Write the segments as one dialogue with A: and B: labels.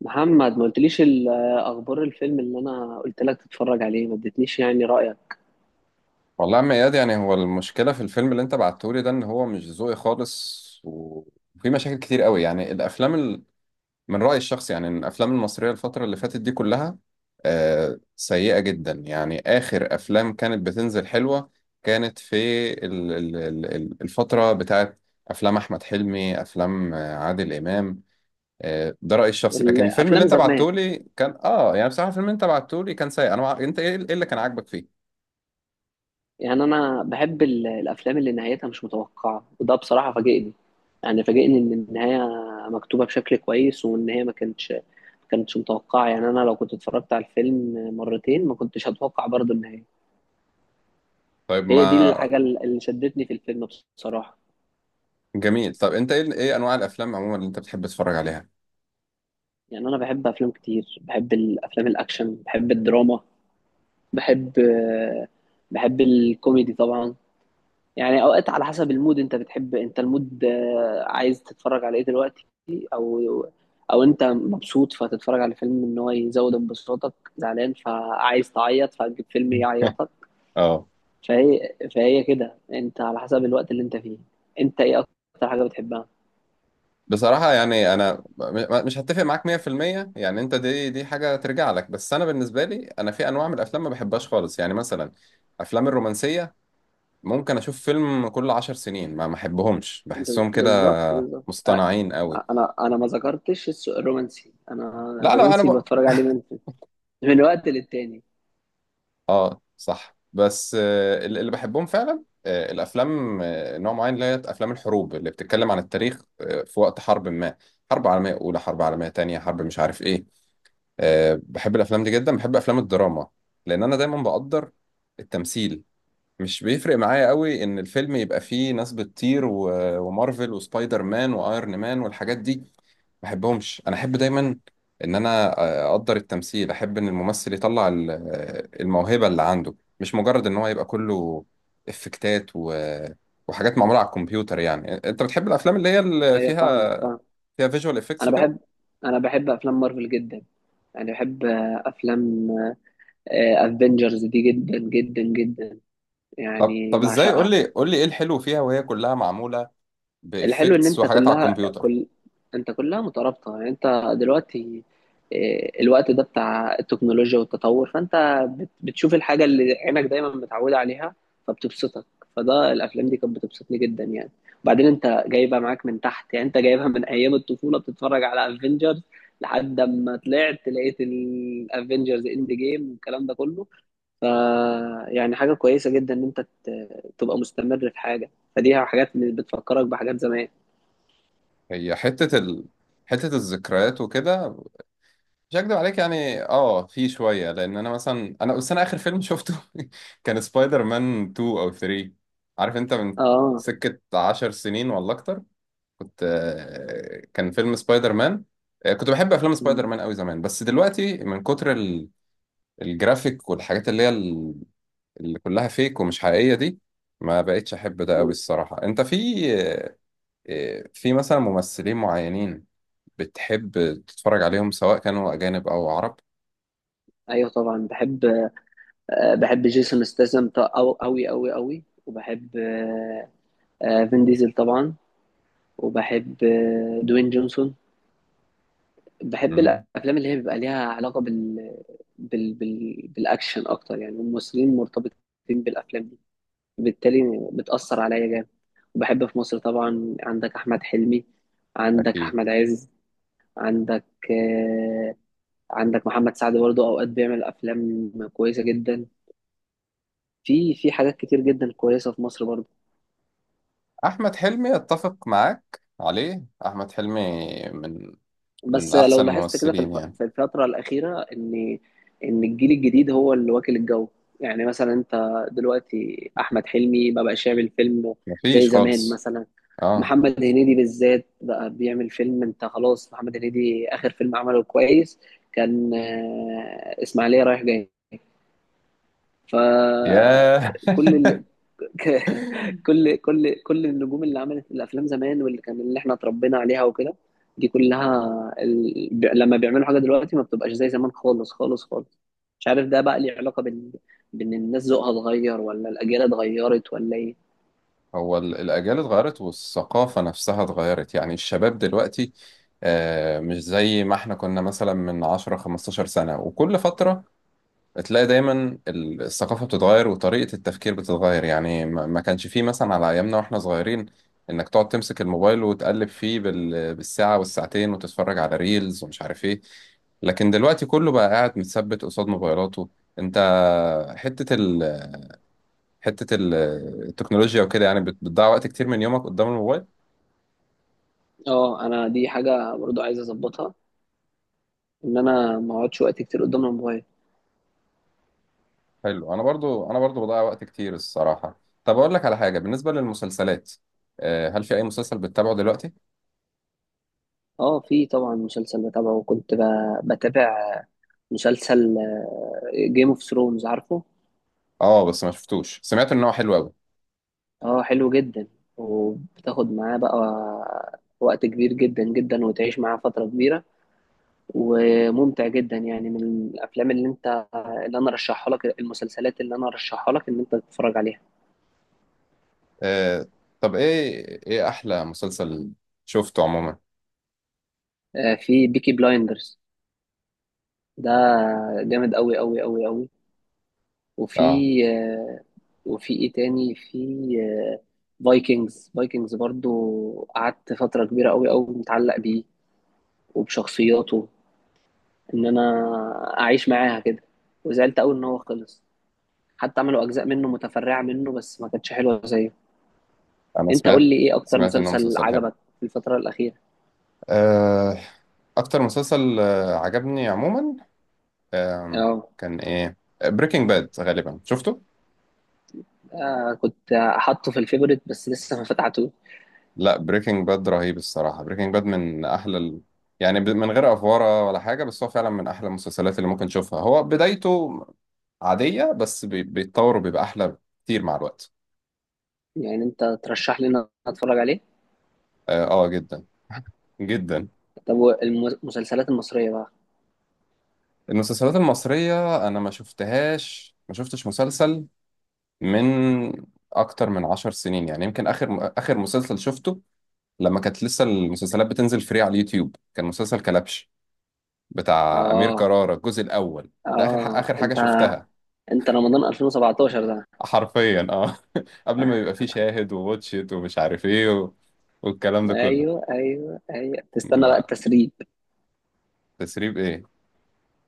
A: محمد، ما قلتليش اخبار الفيلم اللي انا قلت لك تتفرج عليه. ما اديتنيش يعني رايك.
B: والله يا عم اياد، يعني هو المشكله في الفيلم اللي انت بعتهولي ده ان هو مش ذوقي خالص وفي مشاكل كتير قوي. يعني الافلام من رايي الشخصي، يعني إن الافلام المصريه الفتره اللي فاتت دي كلها سيئه جدا. يعني اخر افلام كانت بتنزل حلوه كانت في الفتره بتاعت افلام احمد حلمي، افلام عادل امام. ده رايي الشخصي. لكن الفيلم اللي
A: الافلام
B: انت
A: زمان،
B: بعتهولي كان يعني بصراحه الفيلم اللي انت بعتهولي كان سيء. انت إيه اللي كان عاجبك فيه؟
A: يعني انا بحب الافلام اللي نهايتها مش متوقعه، وده بصراحه فاجئني. يعني فاجئني ان النهايه مكتوبه بشكل كويس، وان هي ما كانتش متوقعه. يعني انا لو كنت اتفرجت على الفيلم مرتين ما كنتش هتوقع برضه النهايه.
B: طيب
A: هي دي
B: ما
A: الحاجه اللي شدتني في الفيلم بصراحه.
B: جميل. طب انت ايه انواع الافلام عموما اللي انت بتحب تتفرج عليها؟
A: يعني انا بحب افلام كتير، بحب الافلام الاكشن، بحب الدراما، بحب آه، بحب الكوميدي طبعا. يعني اوقات على حسب المود، انت بتحب انت المود عايز تتفرج على ايه دلوقتي، او انت مبسوط فتتفرج على فيلم ان هو يزود انبساطك، زعلان فعايز تعيط فتجيب فيلم يعيطك.
B: اه
A: فهي كده انت على حسب الوقت اللي انت فيه. انت ايه اكتر حاجة بتحبها؟
B: بصراحة يعني أنا مش هتفق معاك 100%. يعني أنت دي حاجة ترجع لك، بس أنا بالنسبة لي أنا في أنواع من الأفلام ما بحبهاش خالص. يعني مثلا أفلام الرومانسية ممكن أشوف فيلم كل 10 سنين، ما أحبهمش. بحسهم كده
A: بالظبط بالظبط.
B: مصطنعين قوي.
A: انا ما ذكرتش الرومانسي. انا
B: لا أنا أنا
A: الرومانسي
B: ب...
A: بتفرج عليه ممكن من وقت للتاني.
B: اه، صح. بس اللي بحبهم فعلا الافلام نوع معين، اللي هي افلام الحروب اللي بتتكلم عن التاريخ في وقت حرب ما. حرب عالميه اولى، حرب عالميه تانية، حرب مش عارف ايه. بحب الافلام دي جدا. بحب افلام الدراما، لان انا دايما بقدر التمثيل. مش بيفرق معايا قوي ان الفيلم يبقى فيه ناس بتطير ومارفل وسبايدر مان وايرون مان والحاجات دي، ما احبهمش. انا احب دايما ان انا اقدر التمثيل. احب ان الممثل يطلع الموهبة اللي عنده، مش مجرد ان هو يبقى كله افكتات وحاجات معمولة على الكمبيوتر. يعني انت بتحب الافلام اللي هي اللي
A: فاهمك،
B: فيها
A: فاهم.
B: فيها فيجوال افكتس
A: انا
B: وكده؟
A: بحب انا بحب افلام مارفل جدا. يعني بحب افلام افنجرز دي جدا جدا جدا،
B: طب
A: يعني
B: طب ازاي؟ قول
A: بعشقها.
B: لي قول لي ايه الحلو فيها، وهي كلها معمولة
A: الحلو ان
B: بافكتس وحاجات على الكمبيوتر؟
A: انت كلها مترابطه. يعني انت دلوقتي الوقت ده بتاع التكنولوجيا والتطور، فانت بتشوف الحاجه اللي عينك دايما متعوده عليها، فبتبسطك. فده الافلام دي كانت بتبسطني جدا يعني. وبعدين انت جايبها معاك من تحت، يعني انت جايبها من ايام الطفوله بتتفرج على افنجرز، لحد ما طلعت لقيت الافنجرز اند جيم والكلام ده كله. ف يعني حاجه كويسه جدا ان انت تبقى مستمر في حاجه، فدي حاجات بتفكرك بحاجات زمان.
B: هي حتة ال... حتة الذكريات وكده، مش هكدب عليك. يعني في شوية، لأن أنا مثلا أنا بس أنا آخر فيلم شفته كان سبايدر مان 2 أو 3. عارف أنت من
A: اه.
B: سكة 10 سنين ولا أكتر كنت كان فيلم سبايدر مان كنت بحب أفلام
A: م-
B: سبايدر مان أوي زمان. بس دلوقتي من كتر الجرافيك والحاجات اللي هي اللي كلها فيك ومش حقيقية دي، ما بقتش أحب ده أوي
A: م.
B: الصراحة. أنت في في مثلا ممثلين معينين بتحب تتفرج عليهم، سواء كانوا أجانب أو عرب؟
A: ايوه طبعا بحب. بحب جيسون ستاثام أو أوي أوي أوي، وبحب فين ديزل طبعا، وبحب دوين جونسون. بحب الأفلام اللي هي بيبقى ليها علاقة بالأكشن أكتر. يعني الممثلين مرتبطين بالأفلام دي، بالتالي بتأثر عليا جامد. وبحب في مصر طبعا عندك أحمد حلمي، عندك
B: أكيد.
A: أحمد عز، عندك آه، عندك محمد سعد برضه، أوقات بيعمل أفلام كويسة جدا. في حاجات كتير جدا كويسه في مصر برضه.
B: أحمد حلمي أتفق معاك عليه. أحمد حلمي من من
A: بس لو
B: أحسن
A: لاحظت كده
B: الممثلين يعني.
A: في الفتره الاخيره ان الجيل الجديد هو اللي واكل الجو. يعني مثلا انت دلوقتي احمد حلمي ما بقاش يعمل فيلم زي
B: مفيش
A: زمان
B: خالص.
A: مثلا.
B: آه.
A: محمد هنيدي بالذات بقى بيعمل فيلم، انت خلاص. محمد هنيدي اخر فيلم عمله كويس كان اسماعيليه رايح جاي.
B: ياه
A: فكل ك- كل النجوم اللي عملت الافلام زمان واللي كان اللي احنا اتربينا عليها وكده، دي كلها لما بيعملوا حاجه دلوقتي ما بتبقاش زي زمان، خالص خالص خالص. مش عارف ده بقى ليه علاقه بان الناس ذوقها اتغير، ولا الاجيال اتغيرت، ولا ايه.
B: هو الأجيال اتغيرت والثقافة نفسها اتغيرت. يعني الشباب دلوقتي مش زي ما احنا كنا مثلا من 10 15 سنة. وكل فترة تلاقي دايما الثقافة بتتغير وطريقة التفكير بتتغير. يعني ما كانش فيه مثلا على أيامنا وإحنا صغيرين إنك تقعد تمسك الموبايل وتقلب فيه بالساعة والساعتين وتتفرج على ريلز ومش عارف إيه. لكن دلوقتي كله بقى قاعد متثبت قصاد موبايلاته. أنت حتة ال... حتة ال- التكنولوجيا وكده، يعني بتضيع وقت كتير من يومك قدام الموبايل.
A: اه، انا دي حاجه برضو عايز اظبطها، ان انا ما اقعدش وقت كتير قدام الموبايل.
B: حلو. أنا برضو بضيع وقت كتير الصراحة. طب أقول لك على حاجة بالنسبة للمسلسلات. هل في أي مسلسل بتتابعه دلوقتي؟
A: اه في طبعا مسلسل بتابعه، بتابع مسلسل جيم اوف ثرونز، عارفه.
B: اه، بس ما شفتوش. سمعت ان هو حلو قوي.
A: اه حلو جدا، وبتاخد معاه بقى وقت كبير جدا جدا، وتعيش معاه فترة كبيرة، وممتع جدا. يعني من الأفلام اللي اللي أنا رشحها لك، المسلسلات اللي أنا رشحها لك إن أنت تتفرج عليها.
B: آه. طب ايه احلى مسلسل شفته عموما؟
A: في بيكي بلايندرز، ده جامد أوي أوي أوي أوي. وفي
B: اه.
A: آه، وفي إيه تاني؟ في آه، فايكنجز. فايكنجز برضو قعدت فترة كبيرة أوي أوي متعلق بيه وبشخصياته، ان انا اعيش معاها كده. وزعلت قوي ان هو خلص. حتى عملوا اجزاء منه متفرعه منه، بس ما كانتش حلوه زيه.
B: انا
A: انت قول
B: سمعت.
A: لي ايه اكتر
B: انه
A: مسلسل
B: مسلسل حلو.
A: عجبك في الفتره الاخيره.
B: آه. اكتر مسلسل عجبني عموما آه
A: اه،
B: كان ايه؟ بريكنج باد غالبا شفته.
A: كنت احطه في الفيفوريت بس لسه ما فتحته.
B: لا، بريكنج باد رهيب الصراحة. بريكنج باد من يعني من غير افوارة ولا حاجة، بس هو فعلا من احلى المسلسلات اللي ممكن تشوفها. هو بدايته عادية، بس بيتطور وبيبقى احلى كتير مع الوقت.
A: يعني انت ترشح لي ان أنا اتفرج عليه؟
B: جدا. جدا.
A: طب المسلسلات المصريه بقى.
B: المسلسلات المصرية أنا ما شفتهاش. ما شفتش مسلسل من أكتر من 10 سنين. يعني يمكن آخر مسلسل شفته لما كانت لسه المسلسلات بتنزل فري على اليوتيوب، كان مسلسل كلبش بتاع أمير
A: اه.
B: كرارة الجزء الأول. ده
A: اه.
B: آخر حاجة شفتها،
A: انت رمضان 2017 ده.
B: حرفيا. اه قبل ما يبقى فيه شاهد وواتشيت ومش عارف ايه والكلام ده كله.
A: ايوه ايوه ايوه، تستنى بقى
B: ما
A: التسريب.
B: تسريب ايه؟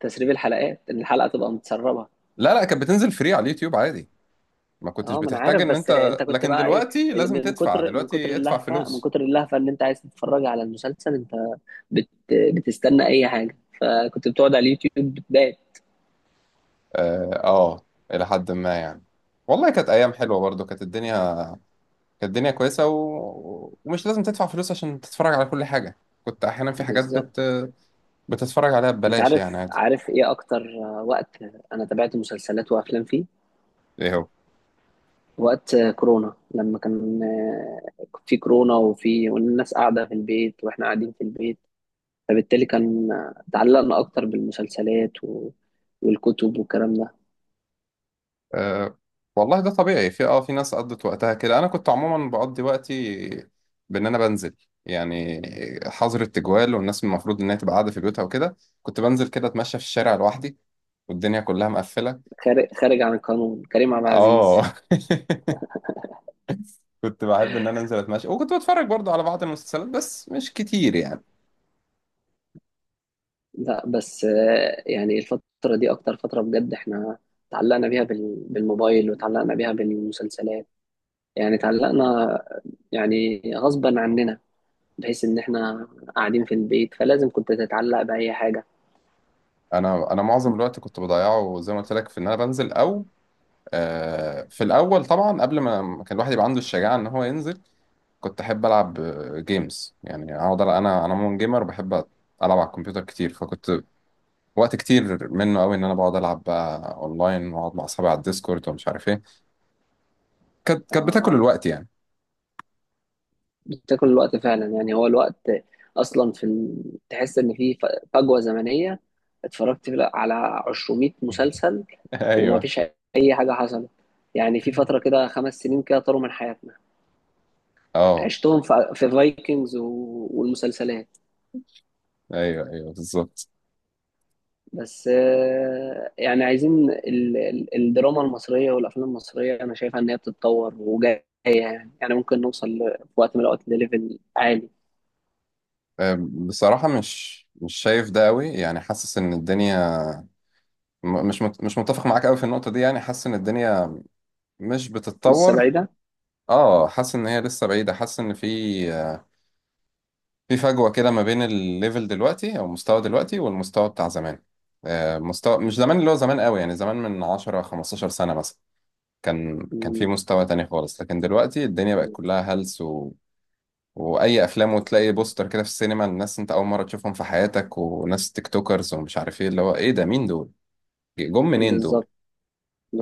A: تسريب الحلقات، إن الحلقه تبقى متسربه.
B: لا لا، كانت بتنزل فري على اليوتيوب عادي، ما كنتش
A: اه ما انا
B: بتحتاج
A: عارف.
B: ان
A: بس
B: انت...
A: انت كنت
B: لكن
A: بقى ايه،
B: دلوقتي لازم تدفع. دلوقتي ادفع
A: من
B: فلوس.
A: كتر اللهفه ان انت عايز تتفرج على المسلسل. انت بتستنى اي حاجه، فكنت بتقعد على اليوتيوب بتضايق.
B: اه، الى حد ما يعني. والله كانت ايام حلوه برضو. كانت الدنيا... كويسه ومش لازم تدفع فلوس عشان تتفرج على كل حاجه. كنت احيانا في حاجات
A: بالظبط.
B: بتتفرج عليها
A: انت
B: ببلاش،
A: عارف،
B: يعني عادي.
A: ايه اكتر وقت انا تابعت مسلسلات وافلام فيه؟
B: ايه هو؟
A: وقت كورونا، لما كان في كورونا، والناس قاعده في البيت واحنا قاعدين في البيت، فبالتالي كان تعلقنا اكتر بالمسلسلات والكتب والكلام ده.
B: أه... والله ده طبيعي. في في ناس قضت وقتها كده. انا كنت عموما بقضي وقتي بان انا بنزل، يعني حظر التجوال والناس المفروض انها تبقى قاعده في بيوتها وكده، كنت بنزل كده اتمشى في الشارع لوحدي والدنيا كلها مقفله.
A: خارج عن القانون، كريم عبد العزيز.
B: اه كنت بحب ان انا انزل اتمشى، وكنت بتفرج برضه على بعض المسلسلات بس مش كتير يعني.
A: لا بس يعني الفترة دي أكتر فترة بجد إحنا تعلقنا بيها بالموبايل، وتعلقنا بيها بالمسلسلات. يعني تعلقنا، يعني غصبا عننا، بحيث إن إحنا قاعدين في البيت، فلازم كنت تتعلق بأي حاجة.
B: انا معظم الوقت كنت بضيعه زي ما قلت لك في ان انا بنزل. او في الاول طبعا، قبل ما كان الواحد يبقى عنده الشجاعه ان هو ينزل، كنت احب العب جيمز. يعني اقعد انا مون جيمر وبحب العب على الكمبيوتر كتير. فكنت وقت كتير منه قوي ان انا بقعد العب بقى اونلاين واقعد مع اصحابي على الديسكورد ومش عارف ايه. كانت بتاكل
A: آه،
B: الوقت يعني.
A: بتاكل الوقت فعلا. يعني هو الوقت أصلا تحس إن في فجوة زمنية. اتفرجت على 200 مسلسل
B: ايوه.
A: ومفيش أي حاجة حصلت. يعني في فترة كده 5 سنين كده طاروا من حياتنا،
B: اه،
A: عشتهم في فايكنجز والمسلسلات.
B: ايوه، ايوه، بالظبط.
A: بس يعني عايزين الدراما المصرية والأفلام المصرية. أنا شايفها إن هي بتتطور وجاية، يعني يعني ممكن نوصل في وقت من الأوقات لليفل عالي.
B: بصراحة مش شايف ده قوي. يعني حاسس ان الدنيا... مش متفق معاك قوي في النقطة دي. يعني حاسس ان الدنيا مش
A: لسه
B: بتتطور.
A: بعيدة.
B: اه، حاسس ان هي لسه بعيدة. حاسس ان في فجوة كده ما بين الليفل دلوقتي او المستوى دلوقتي والمستوى بتاع زمان. مستوى مش زمان اللي هو زمان قوي، يعني زمان من 10 15 سنة مثلا. كان في
A: م-
B: مستوى تاني خالص. لكن دلوقتي الدنيا بقت
A: م-
B: كلها هلس، واي افلام، وتلاقي بوستر كده في السينما، الناس انت اول مره تشوفهم في حياتك. وناس تيك توكرز ومش عارف ايه اللي هو، ايه ده؟ مين دول؟ جم منين دول؟
A: بالظبط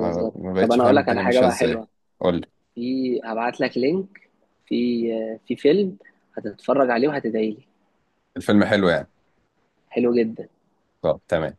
B: ما
A: طب
B: بقتش
A: أنا أقول
B: فاهم
A: لك على
B: الدنيا
A: حاجة
B: ماشيه
A: بقى
B: ازاي.
A: حلوة.
B: قول لي.
A: هبعت لك لينك. في في فيلم هتتفرج عليه وهتدعي لي.
B: الفيلم حلو يعني؟
A: حلو جدا.
B: طب تمام.